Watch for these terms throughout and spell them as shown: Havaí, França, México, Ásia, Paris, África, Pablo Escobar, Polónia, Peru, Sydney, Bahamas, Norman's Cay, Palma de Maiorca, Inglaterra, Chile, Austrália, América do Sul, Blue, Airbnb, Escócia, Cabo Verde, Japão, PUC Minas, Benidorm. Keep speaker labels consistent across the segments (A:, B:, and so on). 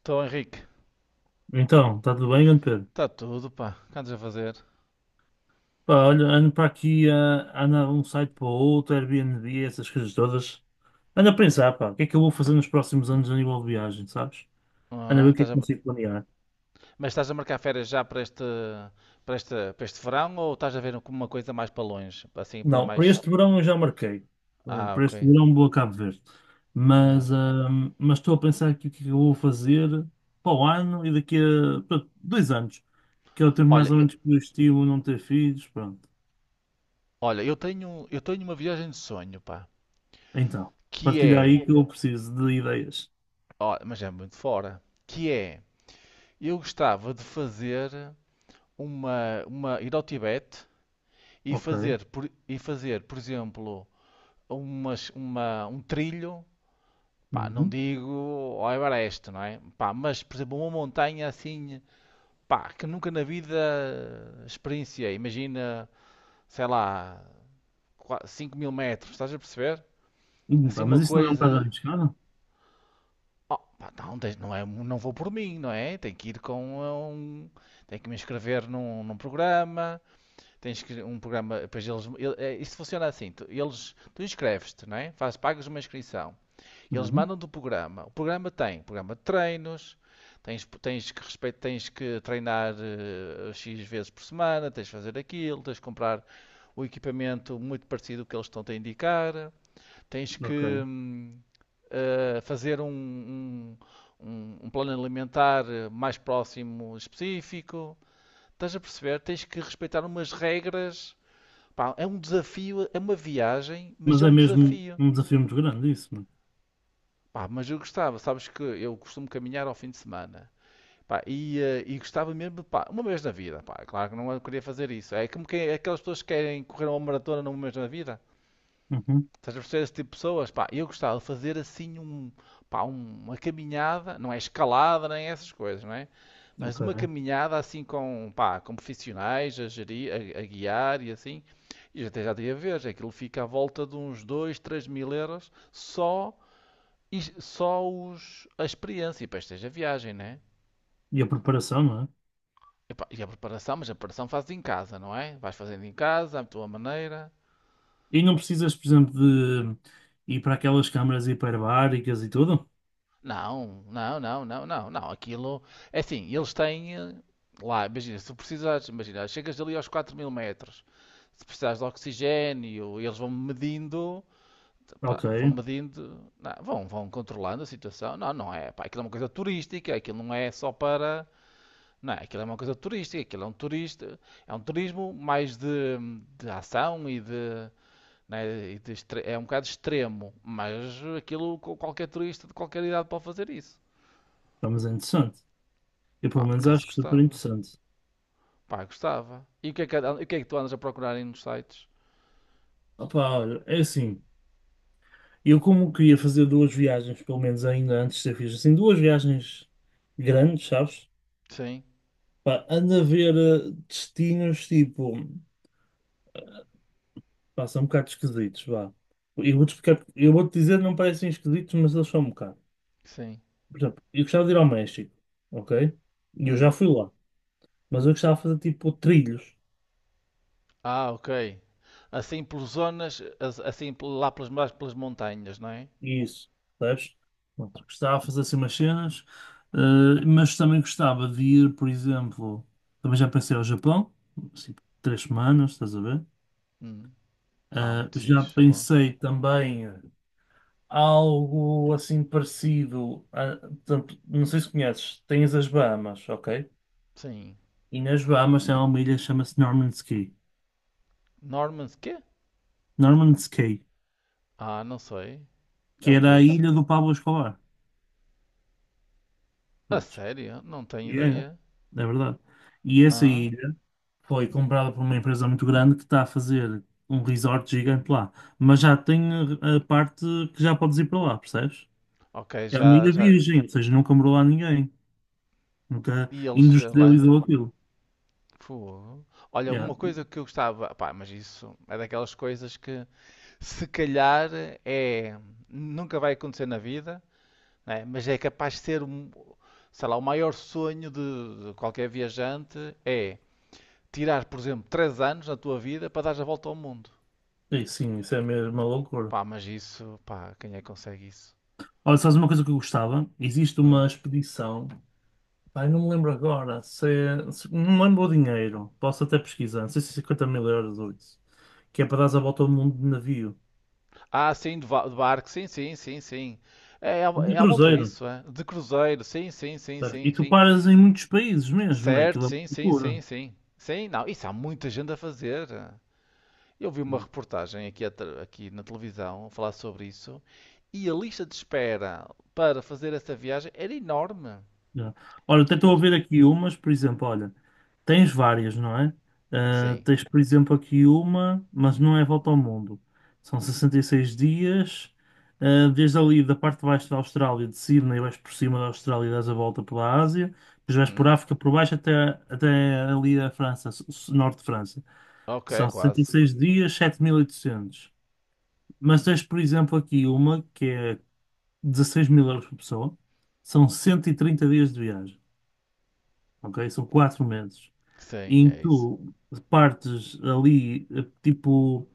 A: Então, Henrique,
B: Então, está tudo bem, grande Pedro?
A: está tudo, pá. O que andas a fazer?
B: Pá, olha, ando para aqui, ando de um site para o outro, Airbnb, essas coisas todas. Ando a pensar, pá, o que é que eu vou fazer nos próximos anos a nível de viagem, sabes? Ando a
A: Ah,
B: ver o que é
A: estás
B: que
A: a-
B: consigo planear.
A: Mas estás a marcar férias já para este, verão ou estás a ver como uma coisa mais para longe? Assim, para
B: Não,
A: mais.
B: para este verão eu já marquei.
A: Ah,
B: Para
A: ok.
B: este verão vou a Cabo Verde.
A: Ah.
B: Mas, ah, mas estou a pensar aqui o que é que eu vou fazer para o ano e daqui a, pronto, 2 anos, que é o tempo
A: Olha,
B: mais ou
A: eu,
B: menos que eu estimo não ter filhos, pronto.
A: olha, eu tenho uma viagem de sonho, pá.
B: Então,
A: Que
B: partilha
A: é.
B: aí que eu preciso de ideias.
A: Ó, mas é muito fora. Que é. Eu gostava de fazer ir ao Tibete e
B: Ok.
A: e fazer, por exemplo, um trilho. Pá, não
B: Uhum.
A: digo ao Everest, não é? Pá, mas, por exemplo, uma montanha assim, pá, que nunca na vida experienciei. Imagina, sei lá, 5000 metros, estás a perceber? Assim
B: Pá, mas
A: uma
B: isso não é um bocado
A: coisa.
B: arriscado?
A: Oh, pá, não, não, é, não vou por mim, não é? Tenho que ir com um. Tenho que me inscrever num programa, tens que um programa, depois eles, é, isso funciona assim, tu, eles, tu inscreves-te, não é? Faz, pagas uma inscrição. Eles
B: Uhum,
A: mandam do programa. O programa tem programa de treinos, que, respeito, tens que treinar X vezes por semana, tens de fazer aquilo, tens de comprar o equipamento muito parecido com o que eles estão-te a indicar, tens que
B: ok.
A: fazer um plano alimentar mais próximo específico. Estás a perceber? Tens que respeitar umas regras. Pá, é um desafio, é uma viagem, mas
B: Mas
A: é
B: é
A: um
B: mesmo
A: desafio.
B: um desafio muito grande isso, mano.
A: Pá, mas eu gostava, sabes que eu costumo caminhar ao fim de semana. Pá, e gostava mesmo, pá, uma vez na vida, pá. Claro que não eu queria fazer isso. É como que é aquelas pessoas que querem correr uma maratona numa vez na vida.
B: Uhum,
A: Estás a perceber esse tipo de pessoas? Pá, eu gostava de fazer assim um, pá, uma caminhada, não é escalada nem essas coisas, não é? Mas uma
B: ok.
A: caminhada assim com, pá, com profissionais a gerir, a guiar e assim. E até já tinha a ver, aquilo fica à volta de uns 2, 3000 euros só e só os, a experiência, e depois tens a viagem, né?
B: E a preparação, não é?
A: Epá, e a preparação, mas a preparação fazes em casa, não é? Vais fazendo em casa, à tua maneira.
B: E não precisas, por exemplo, de ir para aquelas câmaras hiperbáricas e tudo?
A: Não, não, não, não, não, não. Aquilo é assim, eles têm lá, imagina, se precisares, imagina, chegas ali aos 4000 metros, se precisares de oxigênio, eles vão medindo, pá,
B: Ok,
A: vão medindo, não, vão controlando a situação. Não, não é, pá, aquilo é uma coisa turística, aquilo não é só para. Não, é? Aquilo é uma coisa turística, aquilo é um turista, é um turismo mais de ação e de, né, é um bocado extremo, mas qualquer turista de qualquer idade pode fazer isso.
B: pá, mas é interessante. Eu pelo
A: Pá, por
B: menos
A: acaso
B: acho super
A: gostava.
B: interessante.
A: Pá, gostava. E o que é que tu andas a procurar aí nos sites?
B: Opa, olha, é assim. Eu como queria fazer duas viagens, pelo menos ainda antes de ser fixe, assim, duas viagens grandes, sabes?
A: Sim,
B: Pá, anda a ver destinos tipo. Pá, são um bocado esquisitos, vá. Eu vou-te explicar, eu vou-te dizer, não parecem esquisitos, mas eles são um bocado.
A: sim.
B: Por exemplo, eu gostava de ir ao México, ok? E eu já
A: Hum.
B: fui lá, mas eu gostava de fazer tipo trilhos
A: Ah, ok. Assim por zonas, assim lá pelas, mais pelas montanhas, não é?
B: e isso, percebes? Pronto, gostava de fazer assim umas cenas, mas também gostava de ir, por exemplo, também já pensei ao Japão, assim, 3 semanas, estás a ver?
A: Hum. Pá, muito
B: Já
A: fixe, Japão.
B: pensei também algo assim parecido. Não sei se conheces, tens as Bahamas, ok?
A: Sim.
B: E nas Bahamas tem lá uma ilha que chama-se Norman's Cay.
A: Normans, quê?
B: Norman's Cay,
A: Ah, não sei.
B: que
A: É o que
B: era
A: é
B: a
A: isso?
B: ilha do Pablo Escobar.
A: A
B: Prontos.
A: sério? Não tenho
B: E é
A: ideia.
B: verdade. E essa
A: Ah,
B: ilha foi comprada por uma empresa muito grande que está a fazer um resort gigante lá. Mas já tem a parte que já podes ir para lá, percebes?
A: ok,
B: É uma
A: já,
B: ilha
A: já.
B: virgem, ou seja, nunca morou lá ninguém. Nunca
A: E eles lá.
B: industrializou aquilo.
A: Fogo. Olha,
B: Yeah.
A: uma coisa que eu gostava. Pá, mas isso é daquelas coisas que se calhar é. Nunca vai acontecer na vida, né? Mas é capaz de ser, um- sei lá, o maior sonho de qualquer viajante é tirar, por exemplo, 3 anos na tua vida para dar a volta ao mundo.
B: E sim, isso é mesmo uma loucura.
A: Pá, mas isso, pá, quem é que consegue isso?
B: Olha, sabes uma coisa que eu gostava? Existe uma
A: Hum?
B: expedição ai não me lembro agora. Não lembro o dinheiro. Posso até pesquisar. Não sei se é 50 mil euros ou isso. Que é para dar a volta ao mundo de navio.
A: Ah, sim, de barco, sim, sim, sim, sim. É, à é
B: De
A: à volta
B: cruzeiro.
A: disso, é. De cruzeiro, sim, sim, sim,
B: Tá?
A: sim,
B: E tu
A: sim.
B: paras em muitos países mesmo. É
A: Certo,
B: Aquilo é uma
A: sim, sim, sim,
B: loucura.
A: sim. Sim, não, isso há muita gente a fazer. Eu vi uma reportagem aqui, aqui na televisão a falar sobre isso e a lista de espera para fazer essa viagem era enorme.
B: Já. Olha, até estou a
A: Ele.
B: ver aqui umas, por exemplo, olha, tens várias, não é? Ah,
A: Sim.
B: tens, por exemplo, aqui uma, mas não é volta ao mundo. São 66 dias, desde ali da parte de baixo da Austrália, de Sydney, vais por cima da Austrália e dás a volta pela Ásia, depois vais por
A: Hum.
B: África por baixo até, até ali a França, norte de França.
A: Ok,
B: São sessenta e
A: quase.
B: seis dias, 7.800. Mas tens, por exemplo, aqui uma que é 16 mil euros por pessoa, são 130 dias de viagem, ok? São 4 meses
A: Sim,
B: em
A: é
B: que
A: isso.
B: tu partes ali, tipo,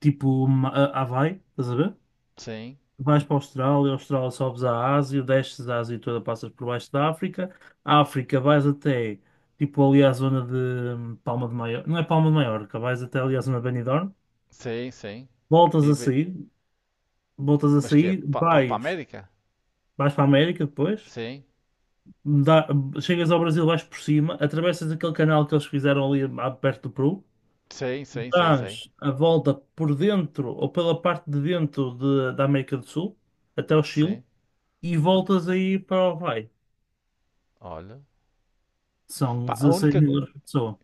B: tipo Havaí, estás a ver?
A: Sim,
B: Vais para a Austrália sobes à Ásia, desces a Ásia toda, passas por baixo da África, a África vais até, tipo, ali à zona de Palma de Maiorca, não é Palma de Maiorca, vais até ali à zona de Benidorm,
A: sim, sim.
B: voltas
A: E
B: a
A: be-.
B: sair, voltas a
A: Mas que é?
B: sair,
A: Para a
B: vais,
A: América?
B: vais para a América depois,
A: Sim,
B: dá- chegas ao Brasil, vais por cima, atravessas aquele canal que eles fizeram ali perto do Peru,
A: sim, sim, sim, sim.
B: dás a volta por dentro ou pela parte de dentro da América do Sul até o Chile
A: Sim,
B: e voltas aí para o Havaí.
A: olha.
B: São
A: Pá, a
B: 16
A: única.
B: mil euros por pessoa.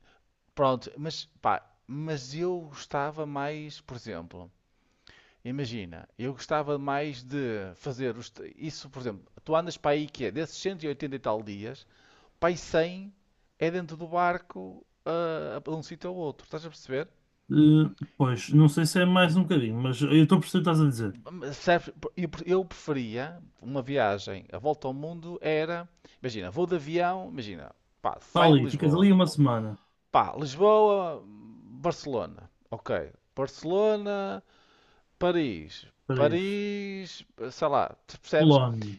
A: Pronto, mas pá, mas eu gostava mais, por exemplo, imagina, eu gostava mais de fazer isso, por exemplo, tu andas para aí que é desses 180 e oitenta e tal dias, para aí 100 é dentro do barco de um sítio ao outro, estás a perceber?
B: Eh, pois, não sei se é mais um bocadinho, mas eu estou a perceber o que estás a dizer.
A: Mas sabes, eu preferia uma viagem, a volta ao mundo era, imagina, vou de avião, imagina, pá,
B: Para
A: saio de
B: ali, ficas
A: Lisboa.
B: ali uma semana.
A: Pá, Lisboa, Barcelona. Ok. Barcelona, Paris.
B: Paris,
A: Paris, sei lá, tu percebes?
B: Polónia.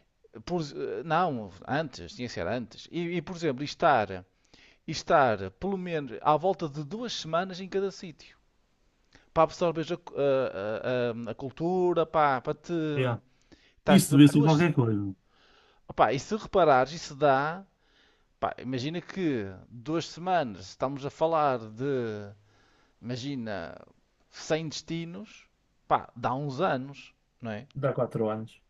A: Por- não, antes, tinha que ser antes. Por exemplo, e estar pelo menos à volta de 2 semanas em cada sítio. Para absorver a, cu- a cultura, pá, para te.
B: Yeah.
A: Estás, por
B: Isso devia
A: exemplo,
B: ser
A: duas.
B: qualquer coisa.
A: Opá, e se reparares, isso dá. Pá, imagina que 2 semanas estamos a falar de imagina, sem destinos, pá, dá uns anos, não é?
B: Dá 4 anos.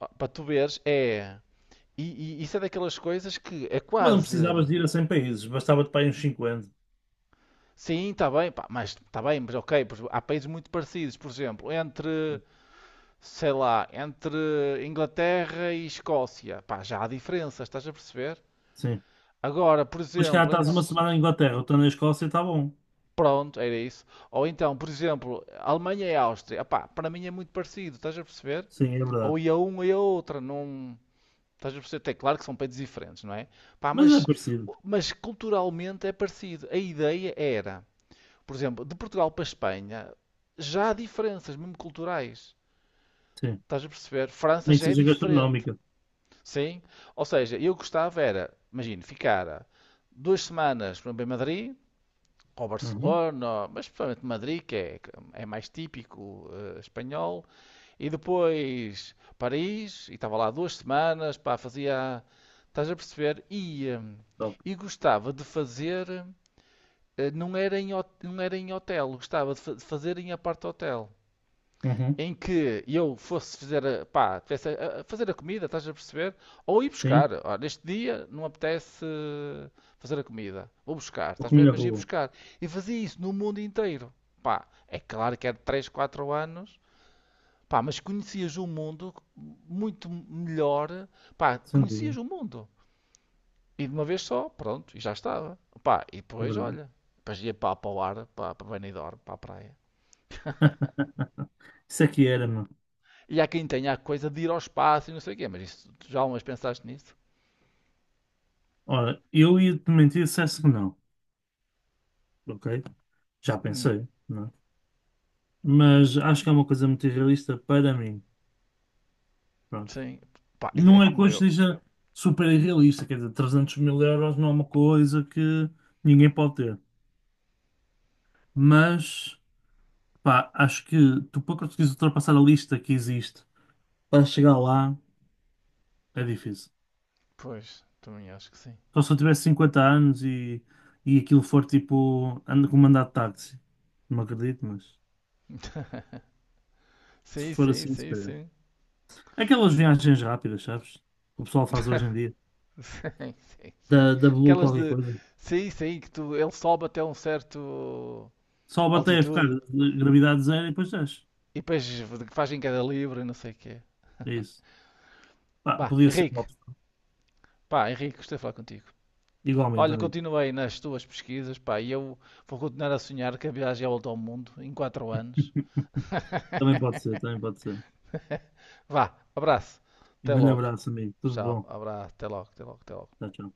A: Ó, para tu veres, é. E, isso é daquelas coisas que é
B: Mas não
A: quase.
B: precisavas de ir a 100 países, bastava-te para ir uns 50.
A: Sim, está bem, pá, mas está bem, mas ok, pois há países muito parecidos, por exemplo, entre, sei lá, entre Inglaterra e Escócia, pá, já há diferenças, estás a perceber?
B: Sim.
A: Agora, por
B: Mas cá
A: exemplo,
B: estás
A: entre.
B: uma semana na Inglaterra, outra na Escócia, está bom.
A: Pronto, era isso. Ou então, por exemplo, Alemanha e Áustria, pá, para mim é muito parecido, estás a perceber?
B: Sim, é verdade.
A: Ou ia um ou ia outra, não. Estás a perceber? É claro que são países diferentes, não é? Pá,
B: Mas é parecido.
A: mas culturalmente é parecido. A ideia era, por exemplo, de Portugal para a Espanha, já há diferenças, mesmo culturais.
B: Sim.
A: Estás a perceber? França
B: Nem que
A: já é
B: seja
A: diferente.
B: gastronómica.
A: Sim? Ou seja, eu gostava era, imagino, ficar 2 semanas por exemplo, em Madrid, ou
B: Uhum.
A: Barcelona, mas principalmente Madrid, que é, é mais típico espanhol, e depois Paris, e estava lá 2 semanas, pá, fazia. Estás a perceber?
B: Top.
A: E gostava de fazer. Não era em, não era em hotel, gostava de de fazer em apart hotel.
B: Uhum.
A: Em que eu fosse fazer pá, a fazer a comida, estás a perceber? Ou ir buscar.
B: Sim.
A: Ó, neste dia não me apetece fazer a comida. Vou buscar,
B: Vou
A: estás a
B: comer
A: ver?
B: na
A: Mas ia
B: rua.
A: buscar. E fazia isso no mundo inteiro. Pá, é claro que é de 3 4 anos. Pá, mas conhecias o mundo muito melhor. Pá,
B: Sem
A: conhecias
B: dúvida.
A: o mundo. E de uma vez só, pronto, e já estava. Pá, e
B: É
A: depois,
B: verdade.
A: olha, depois ia pá, para o ar, pá, para Benidorm, para a praia.
B: Isso aqui era, mano.
A: E há quem tenha a coisa de ir ao espaço e não sei o quê, mas isso, tu já umas pensaste nisso?
B: Ora, eu ia-te mentir se dissesse que não. Ok? Já
A: Hum,
B: pensei, não é? Mas acho que é uma coisa muito irrealista para mim. Pronto.
A: sim. Pá, é é
B: Não é que
A: como
B: hoje
A: eu.
B: seja super irrealista, quer dizer, 300 mil euros não é uma coisa que ninguém pode ter. Mas, pá, acho que tu para conseguires ultrapassar a lista que existe para chegar lá é difícil.
A: Pois, também acho que sim.
B: Só se eu tivesse 50 anos e aquilo for tipo, ando com mandato de táxi. Não acredito, mas se
A: Sim,
B: for
A: sim,
B: assim, se
A: sim,
B: calhar.
A: sim.
B: Aquelas viagens rápidas, sabes? Que o pessoal faz hoje em dia.
A: Sim, sim,
B: Da,
A: sim.
B: da Blue
A: Aquelas
B: qualquer
A: de.
B: coisa.
A: Sim, sim, que tu, ele sobe até um certo
B: Só bater a ficar
A: altitude.
B: de gravidade zero e depois desce.
A: E depois fazem cada livro e não sei o quê.
B: É isso. Pá,
A: Bah,
B: podia ser uma
A: Henrique,
B: opção.
A: pá, Henrique, gostei de falar contigo.
B: Igualmente,
A: Olha,
B: amigo.
A: continuei nas tuas pesquisas, pá, e eu vou continuar a sonhar que a viagem é a volta ao mundo em 4 anos.
B: Também pode ser, também pode ser.
A: Vá, abraço,
B: Um
A: até
B: grande
A: logo.
B: abraço, amigo. Tudo
A: Tchau,
B: bom.
A: abraço, até logo, até logo, até logo.
B: Tchau, tchau.